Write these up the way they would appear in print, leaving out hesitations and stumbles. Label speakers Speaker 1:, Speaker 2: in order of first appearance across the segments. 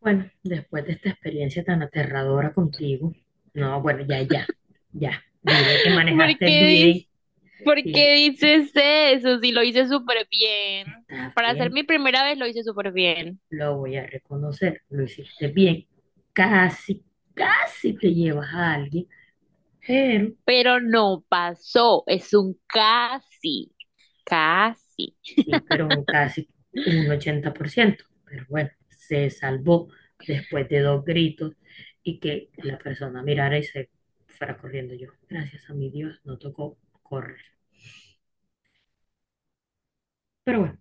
Speaker 1: Bueno, después de esta experiencia tan aterradora contigo, no, bueno, ya, ya, ya, diré que
Speaker 2: ¿Por
Speaker 1: manejaste
Speaker 2: qué dices,
Speaker 1: bien
Speaker 2: por
Speaker 1: y
Speaker 2: qué dices eso? Si lo hice súper bien.
Speaker 1: está
Speaker 2: Para ser
Speaker 1: bien,
Speaker 2: mi primera vez lo hice súper bien.
Speaker 1: lo voy a reconocer, lo hiciste bien. Casi, casi te llevas a alguien, pero
Speaker 2: Pero no pasó. Es un casi. Casi.
Speaker 1: sí, pero un casi, un 80%, pero bueno, se salvó después de dos gritos y que la persona mirara y se fuera corriendo yo. Gracias a mi Dios, no tocó correr. Pero bueno,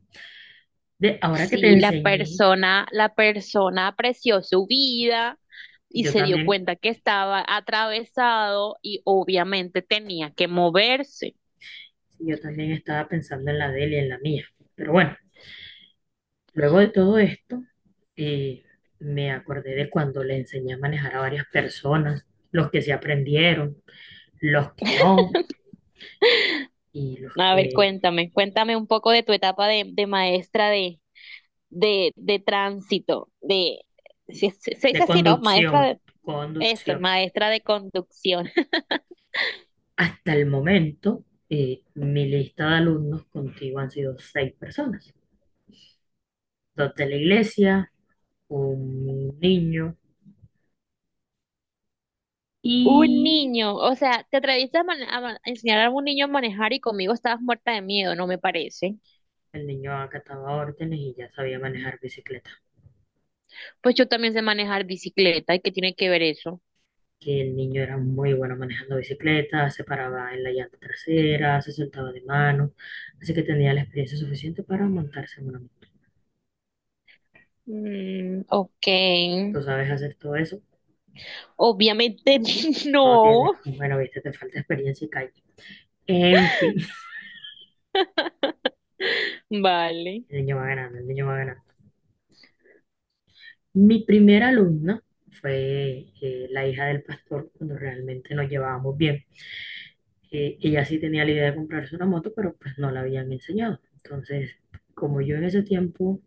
Speaker 1: ahora que te
Speaker 2: Sí,
Speaker 1: enseñé.
Speaker 2: la persona apreció su vida y
Speaker 1: Yo
Speaker 2: se dio
Speaker 1: también,
Speaker 2: cuenta que estaba atravesado y obviamente tenía que moverse.
Speaker 1: sí, yo también estaba pensando en la de él y en la mía. Pero bueno, luego de todo esto, eh, me acordé de cuando le enseñé a manejar a varias personas, los que se aprendieron, los que no, y los
Speaker 2: A ver,
Speaker 1: que
Speaker 2: cuéntame, cuéntame un poco de tu etapa de maestra de tránsito, se
Speaker 1: de
Speaker 2: dice así, ¿no? Maestra
Speaker 1: conducción,
Speaker 2: de, eso,
Speaker 1: conducción.
Speaker 2: maestra de conducción.
Speaker 1: Hasta el momento, mi lista de alumnos contigo han sido seis personas, dos de la iglesia, un niño
Speaker 2: Un
Speaker 1: y
Speaker 2: niño, o sea, te atreviste a, a enseñar a un niño a manejar y conmigo estabas muerta de miedo, no me parece.
Speaker 1: el niño acataba órdenes y ya sabía manejar bicicleta.
Speaker 2: Pues yo también sé manejar bicicleta, ¿y qué tiene que ver eso?
Speaker 1: Que el niño era muy bueno manejando bicicleta, se paraba en la llanta trasera, se soltaba de mano, así que tenía la experiencia suficiente para montarse en una moto.
Speaker 2: Mm, ok,
Speaker 1: Tú sabes hacer todo eso,
Speaker 2: obviamente
Speaker 1: no tienes,
Speaker 2: no.
Speaker 1: bueno, viste, te falta experiencia y calle. En fin,
Speaker 2: Vale.
Speaker 1: el niño va ganando, el niño va ganando. Mi primera alumna fue la hija del pastor, cuando realmente nos llevábamos bien. Ella sí tenía la idea de comprarse una moto, pero pues no la habían enseñado. Entonces, como yo en ese tiempo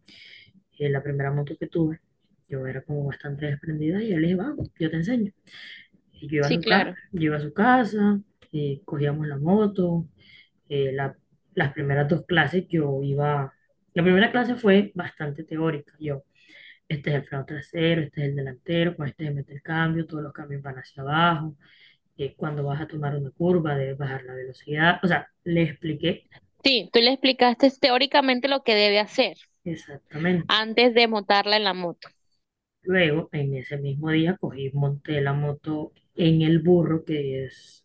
Speaker 1: la primera moto que tuve, yo era como bastante desprendida y yo le dije, vamos, yo te enseño. Y yo iba a
Speaker 2: Sí,
Speaker 1: su casa,
Speaker 2: claro.
Speaker 1: yo iba a su casa, cogíamos la moto, eh, la- las primeras dos clases yo iba, la primera clase fue bastante teórica, yo, este es el freno trasero, este es el delantero, con este se mete el cambio, todos los cambios van hacia abajo, cuando vas a tomar una curva debes bajar la velocidad, o sea, le expliqué
Speaker 2: Sí, tú le explicaste teóricamente lo que debe hacer
Speaker 1: exactamente.
Speaker 2: antes de montarla en la moto.
Speaker 1: Luego, en ese mismo día, cogí, monté la moto en el burro, que es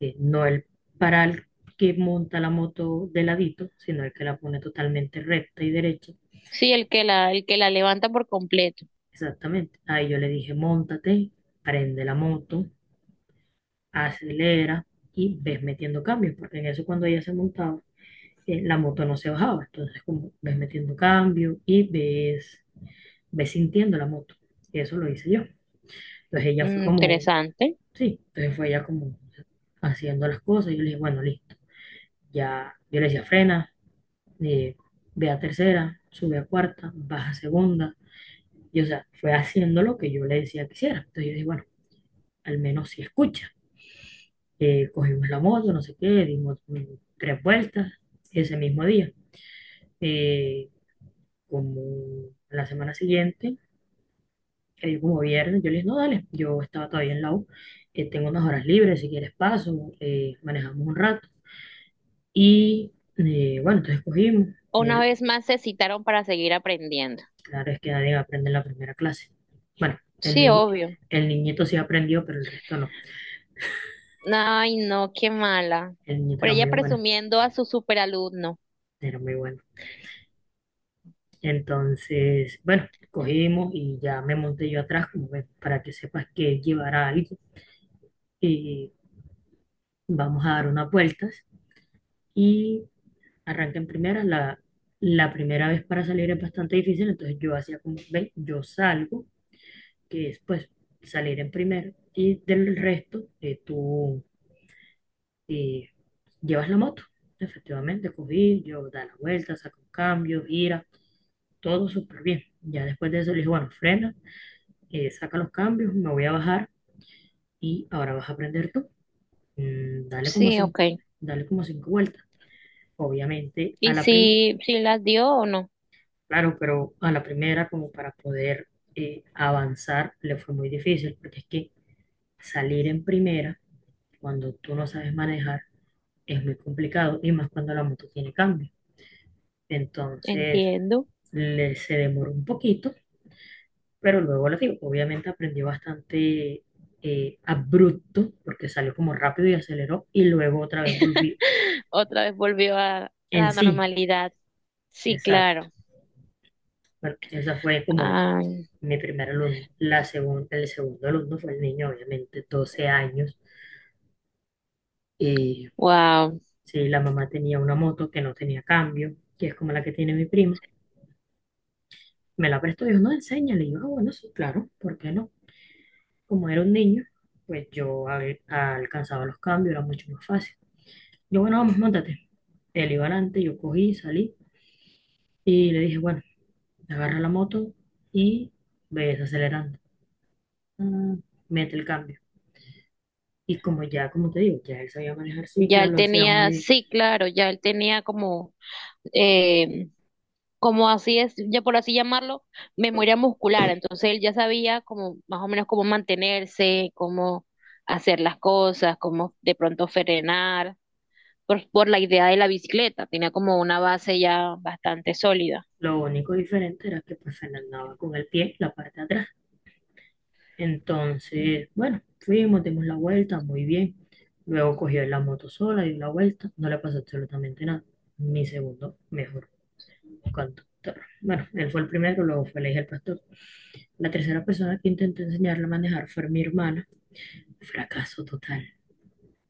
Speaker 1: no el, para el que monta la moto de ladito, sino el que la pone totalmente recta y derecha.
Speaker 2: Sí, el que la levanta por completo.
Speaker 1: Exactamente. Ahí yo le dije, móntate, prende la moto, acelera y ves metiendo cambios, porque en eso cuando ella se montaba, la moto no se bajaba. Entonces, como ves metiendo cambio y ves, ves sintiendo la moto. Y eso lo hice yo. Entonces ella fue
Speaker 2: Mm,
Speaker 1: como
Speaker 2: interesante.
Speaker 1: sí, entonces fue ella como haciendo las cosas. Yo le dije, bueno, listo. Ya, yo le decía, frena, eh, ve a tercera, sube a cuarta, baja a segunda. Y o sea, fue haciendo lo que yo le decía que hiciera. Entonces yo dije, bueno, al menos si escucha. Cogimos la moto, no sé qué, dimos tres vueltas ese mismo día. Eh, como la semana siguiente, que digo, como viernes, yo le dije, no, dale, yo estaba todavía en la U, tengo unas horas libres, si quieres paso, manejamos un rato. Y bueno, entonces cogimos.
Speaker 2: Una
Speaker 1: El-
Speaker 2: vez más se citaron para seguir aprendiendo.
Speaker 1: claro es que nadie aprende en la primera clase. Bueno,
Speaker 2: Sí, obvio.
Speaker 1: el niñito sí aprendió, pero el resto no.
Speaker 2: Ay, no, qué mala.
Speaker 1: El niñito
Speaker 2: Por
Speaker 1: era
Speaker 2: ella
Speaker 1: muy bueno,
Speaker 2: presumiendo a su superalumno.
Speaker 1: era muy bueno. Entonces, bueno, cogimos y ya me monté yo atrás, como ves, para que sepas que llevará algo. Y vamos a dar unas vueltas. Y arranca en primera. La primera vez para salir es bastante difícil, entonces yo hacía como, ve, yo salgo, que es pues salir en primero y del resto tú eh, llevas la moto. Efectivamente, cogí, yo da la vuelta, saco un cambio, gira, todo súper bien. Ya después de eso le dije, bueno, frena, saca los cambios, me voy a bajar y ahora vas a aprender tú. Mm, dale como
Speaker 2: Sí,
Speaker 1: cinco,
Speaker 2: ok.
Speaker 1: dale como cinco vueltas. Obviamente a
Speaker 2: ¿Y
Speaker 1: la primera,
Speaker 2: si las dio o no?
Speaker 1: claro, pero a la primera como para poder avanzar le fue muy difícil porque es que salir en primera cuando tú no sabes manejar es muy complicado y más cuando la moto tiene cambio. Entonces,
Speaker 2: Entiendo.
Speaker 1: se demoró un poquito, pero luego lo digo, obviamente aprendió bastante abrupto porque salió como rápido y aceleró y luego otra vez volvió
Speaker 2: Otra vez volvió a
Speaker 1: en
Speaker 2: la
Speaker 1: sí.
Speaker 2: normalidad. Sí,
Speaker 1: Exacto.
Speaker 2: claro.
Speaker 1: Bueno, esa fue como
Speaker 2: Ah,
Speaker 1: mi primer alumno. El segundo alumno fue el niño, obviamente, 12 años. Y
Speaker 2: wow.
Speaker 1: sí, la mamá tenía una moto que no tenía cambio, que es como la que tiene mi prima. Me la prestó, dijo, no, enséñale. Y yo, ah, bueno, sí, claro, ¿por qué no? Como era un niño, pues yo alcanzaba los cambios, era mucho más fácil. Yo, bueno, vamos, montate. Él iba adelante, yo cogí, salí y le dije, bueno, agarra la moto y ves acelerando. Ah, mete el cambio. Y como ya, como te digo, ya él sabía manejar
Speaker 2: Ya
Speaker 1: cicla,
Speaker 2: él
Speaker 1: lo hacía muy
Speaker 2: tenía,
Speaker 1: bien.
Speaker 2: sí, claro, ya él tenía como, eh, como así es, ya por así llamarlo, memoria muscular. Entonces él ya sabía como más o menos cómo mantenerse, cómo hacer las cosas, cómo de pronto frenar, por la idea de la bicicleta. Tenía como una base ya bastante sólida.
Speaker 1: Lo único diferente era que pues él andaba con el pie, la parte de atrás. Entonces, bueno, fuimos, dimos la vuelta, muy bien. Luego cogió la moto sola, dio la vuelta, no le pasó absolutamente nada. Mi segundo mejor conductor. Bueno, él fue el primero, luego fue elegir el hijo del pastor. La tercera persona que intentó enseñarle a manejar fue mi hermana. Fracaso total,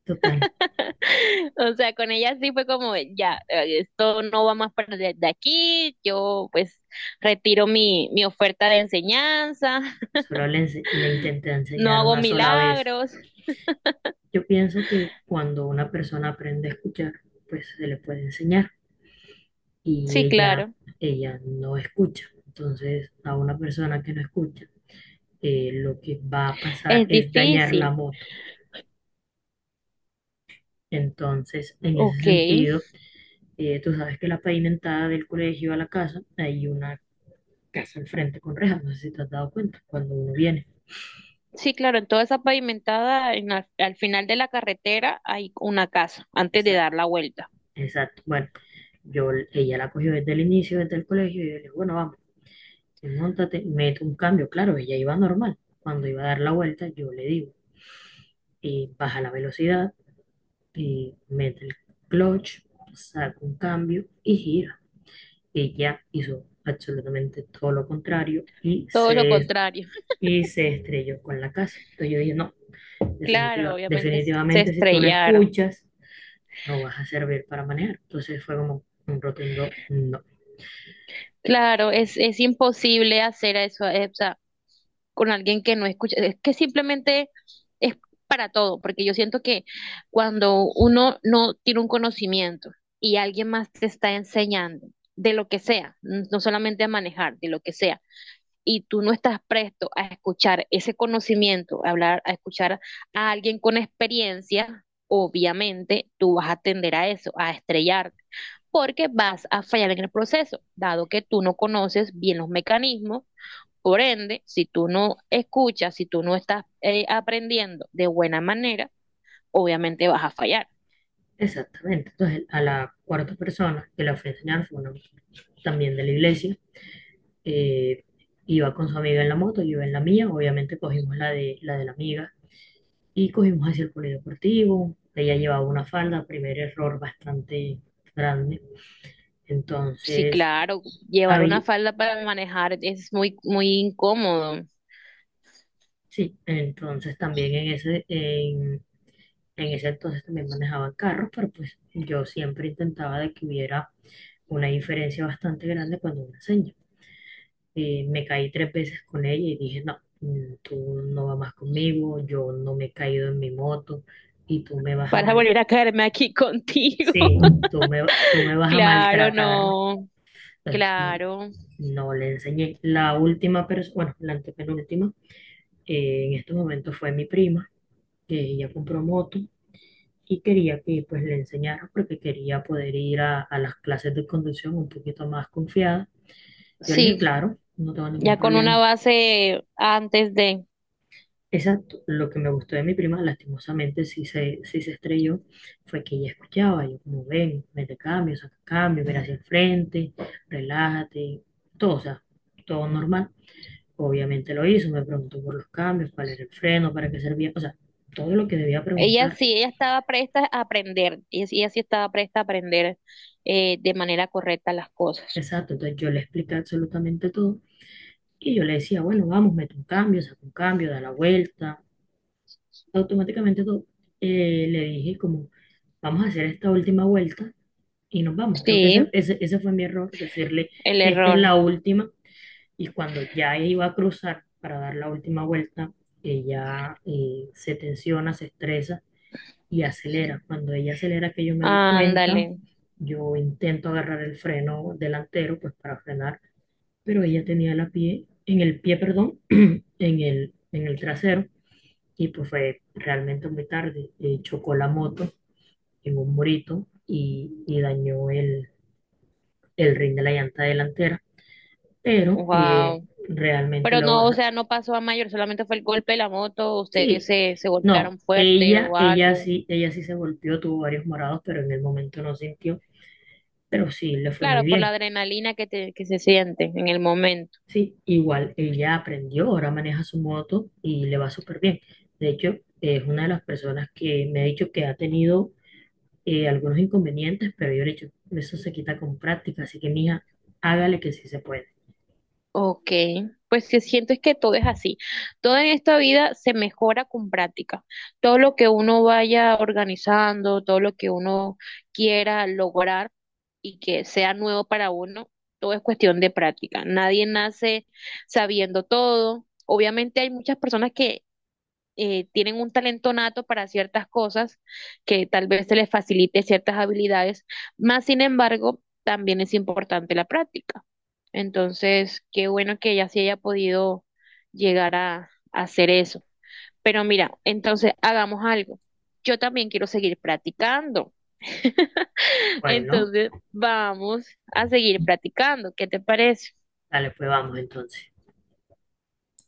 Speaker 1: total.
Speaker 2: O sea, con ella sí fue como, ya, esto no va más para de aquí, yo pues retiro mi oferta de enseñanza,
Speaker 1: Solo le intenté
Speaker 2: no
Speaker 1: enseñar
Speaker 2: hago
Speaker 1: una sola vez.
Speaker 2: milagros.
Speaker 1: Yo pienso que cuando una persona aprende a escuchar, pues se le puede enseñar y
Speaker 2: Sí, claro,
Speaker 1: ella no escucha. Entonces, a una persona que no escucha, lo que va a pasar
Speaker 2: es
Speaker 1: es dañar la
Speaker 2: difícil.
Speaker 1: moto. Entonces, en ese
Speaker 2: Ok,
Speaker 1: sentido, tú sabes que la pavimentada del colegio a la casa, hay una casa al frente con rejas, no sé si te has dado cuenta, cuando uno viene.
Speaker 2: sí, claro, en toda esa pavimentada, en la- al final de la carretera hay una casa antes de
Speaker 1: Esa-
Speaker 2: dar la vuelta.
Speaker 1: Exacto. Bueno, yo, ella la cogió desde el inicio, desde el colegio, y yo le dije, bueno, vamos, montate, mete un cambio. Claro, ella iba normal. Cuando iba a dar la vuelta, yo le digo, baja la velocidad, y mete el clutch, saca un cambio y gira. Ella hizo absolutamente todo lo contrario
Speaker 2: Todo lo contrario.
Speaker 1: y se estrelló con la casa. Entonces yo dije, no.
Speaker 2: Claro, obviamente s- se
Speaker 1: Definitivamente, si tú no
Speaker 2: estrellaron.
Speaker 1: escuchas, no vas a servir para manejar. Entonces fue como un rotundo no.
Speaker 2: Claro, es imposible hacer eso, o sea, con alguien que no escucha, es que simplemente es para todo, porque yo siento que cuando uno no tiene un conocimiento y alguien más te está enseñando de lo que sea, n- no solamente a manejar, de lo que sea, y tú no estás presto a escuchar ese conocimiento, a hablar, a escuchar a alguien con experiencia, obviamente tú vas a tender a eso, a estrellarte, porque vas a fallar en el proceso, dado que tú no conoces bien los mecanismos por ende, si tú no escuchas, si tú no estás aprendiendo de buena manera, obviamente vas a fallar.
Speaker 1: Exactamente. Entonces, a la cuarta persona que la fui a enseñar fue una también de la iglesia. eh, iba con su amiga en la moto, yo iba en la mía. Obviamente cogimos la de la amiga y cogimos hacia el polideportivo. Ella llevaba una falda, primer error bastante grande.
Speaker 2: Sí,
Speaker 1: Entonces,
Speaker 2: claro, llevar una
Speaker 1: había,
Speaker 2: falda para manejar es muy, muy incómodo.
Speaker 1: sí, entonces también en ese entonces también manejaba carros, pero pues yo siempre intentaba de que hubiera una diferencia bastante grande cuando una seña. Y me caí tres veces con ella y dije, no, tú no vas más conmigo, yo no me he caído en mi moto y tú me vas a
Speaker 2: Para
Speaker 1: mal,
Speaker 2: volver a caerme aquí contigo.
Speaker 1: sí, tú me vas a
Speaker 2: Claro,
Speaker 1: maltratar.
Speaker 2: no.
Speaker 1: Entonces,
Speaker 2: Claro.
Speaker 1: no le enseñé. La última persona, bueno, la antepenúltima, en estos momentos fue mi prima, que ella compró moto y quería que pues le enseñara porque quería poder ir a las clases de conducción un poquito más confiada. Yo le dije,
Speaker 2: Sí,
Speaker 1: claro, no tengo ningún
Speaker 2: ya con una
Speaker 1: problema.
Speaker 2: base antes de...
Speaker 1: Exacto, lo que me gustó de mi prima, lastimosamente sí se estrelló, fue que ella escuchaba, yo como ven, mete cambio, saca cambio, mira hacia el frente, relájate, todo, o sea, todo normal. Obviamente lo hizo, me preguntó por los cambios, cuál era el freno, para qué servía, o sea, todo lo que debía
Speaker 2: Ella
Speaker 1: preguntar.
Speaker 2: sí, ella estaba presta a aprender. Ella sí estaba presta a aprender de manera correcta las cosas.
Speaker 1: Exacto, entonces yo le expliqué absolutamente todo. Y yo le decía, bueno, vamos, mete un cambio, saca un cambio, da la vuelta. Automáticamente le dije como, vamos a hacer esta última vuelta y nos vamos. Creo que
Speaker 2: Sí,
Speaker 1: ese fue mi error, decirle,
Speaker 2: el
Speaker 1: esta es
Speaker 2: error.
Speaker 1: la última. Y cuando ya iba a cruzar para dar la última vuelta, ella se tensiona, se estresa y acelera. Cuando ella acelera, que yo me doy cuenta,
Speaker 2: Ándale.
Speaker 1: yo intento agarrar el freno delantero, pues para frenar, pero ella tenía la pie, en el pie, perdón, en el trasero y pues fue realmente muy tarde. Chocó la moto en un murito y dañó el rin de la llanta delantera, pero
Speaker 2: Wow.
Speaker 1: realmente
Speaker 2: Pero
Speaker 1: luego,
Speaker 2: no,
Speaker 1: o
Speaker 2: o
Speaker 1: sea,
Speaker 2: sea, no pasó a mayor, solamente fue el golpe de la moto, ustedes
Speaker 1: sí,
Speaker 2: se
Speaker 1: no,
Speaker 2: golpearon fuerte o algo.
Speaker 1: ella sí se golpeó, tuvo varios morados, pero en el momento no sintió, pero sí le fue muy
Speaker 2: Claro, por la
Speaker 1: bien.
Speaker 2: adrenalina que que se siente en el momento.
Speaker 1: Sí, igual ella aprendió, ahora maneja su moto y le va súper bien. De hecho, es una de las personas que me ha dicho que ha tenido algunos inconvenientes, pero yo le he dicho, eso se quita con práctica, así que mija, hágale que sí se puede.
Speaker 2: Ok, pues sí, siento es que todo es así. Todo en esta vida se mejora con práctica. Todo lo que uno vaya organizando, todo lo que uno quiera lograr y que sea nuevo para uno, todo es cuestión de práctica. Nadie nace sabiendo todo. Obviamente hay muchas personas que tienen un talento nato para ciertas cosas que tal vez se les facilite ciertas habilidades, más sin embargo, también es importante la práctica. Entonces, qué bueno que ella sí haya podido llegar a hacer eso. Pero mira, entonces hagamos algo. Yo también quiero seguir practicando.
Speaker 1: Bueno,
Speaker 2: Entonces, vamos a seguir practicando. ¿Qué te parece?
Speaker 1: dale, pues vamos entonces.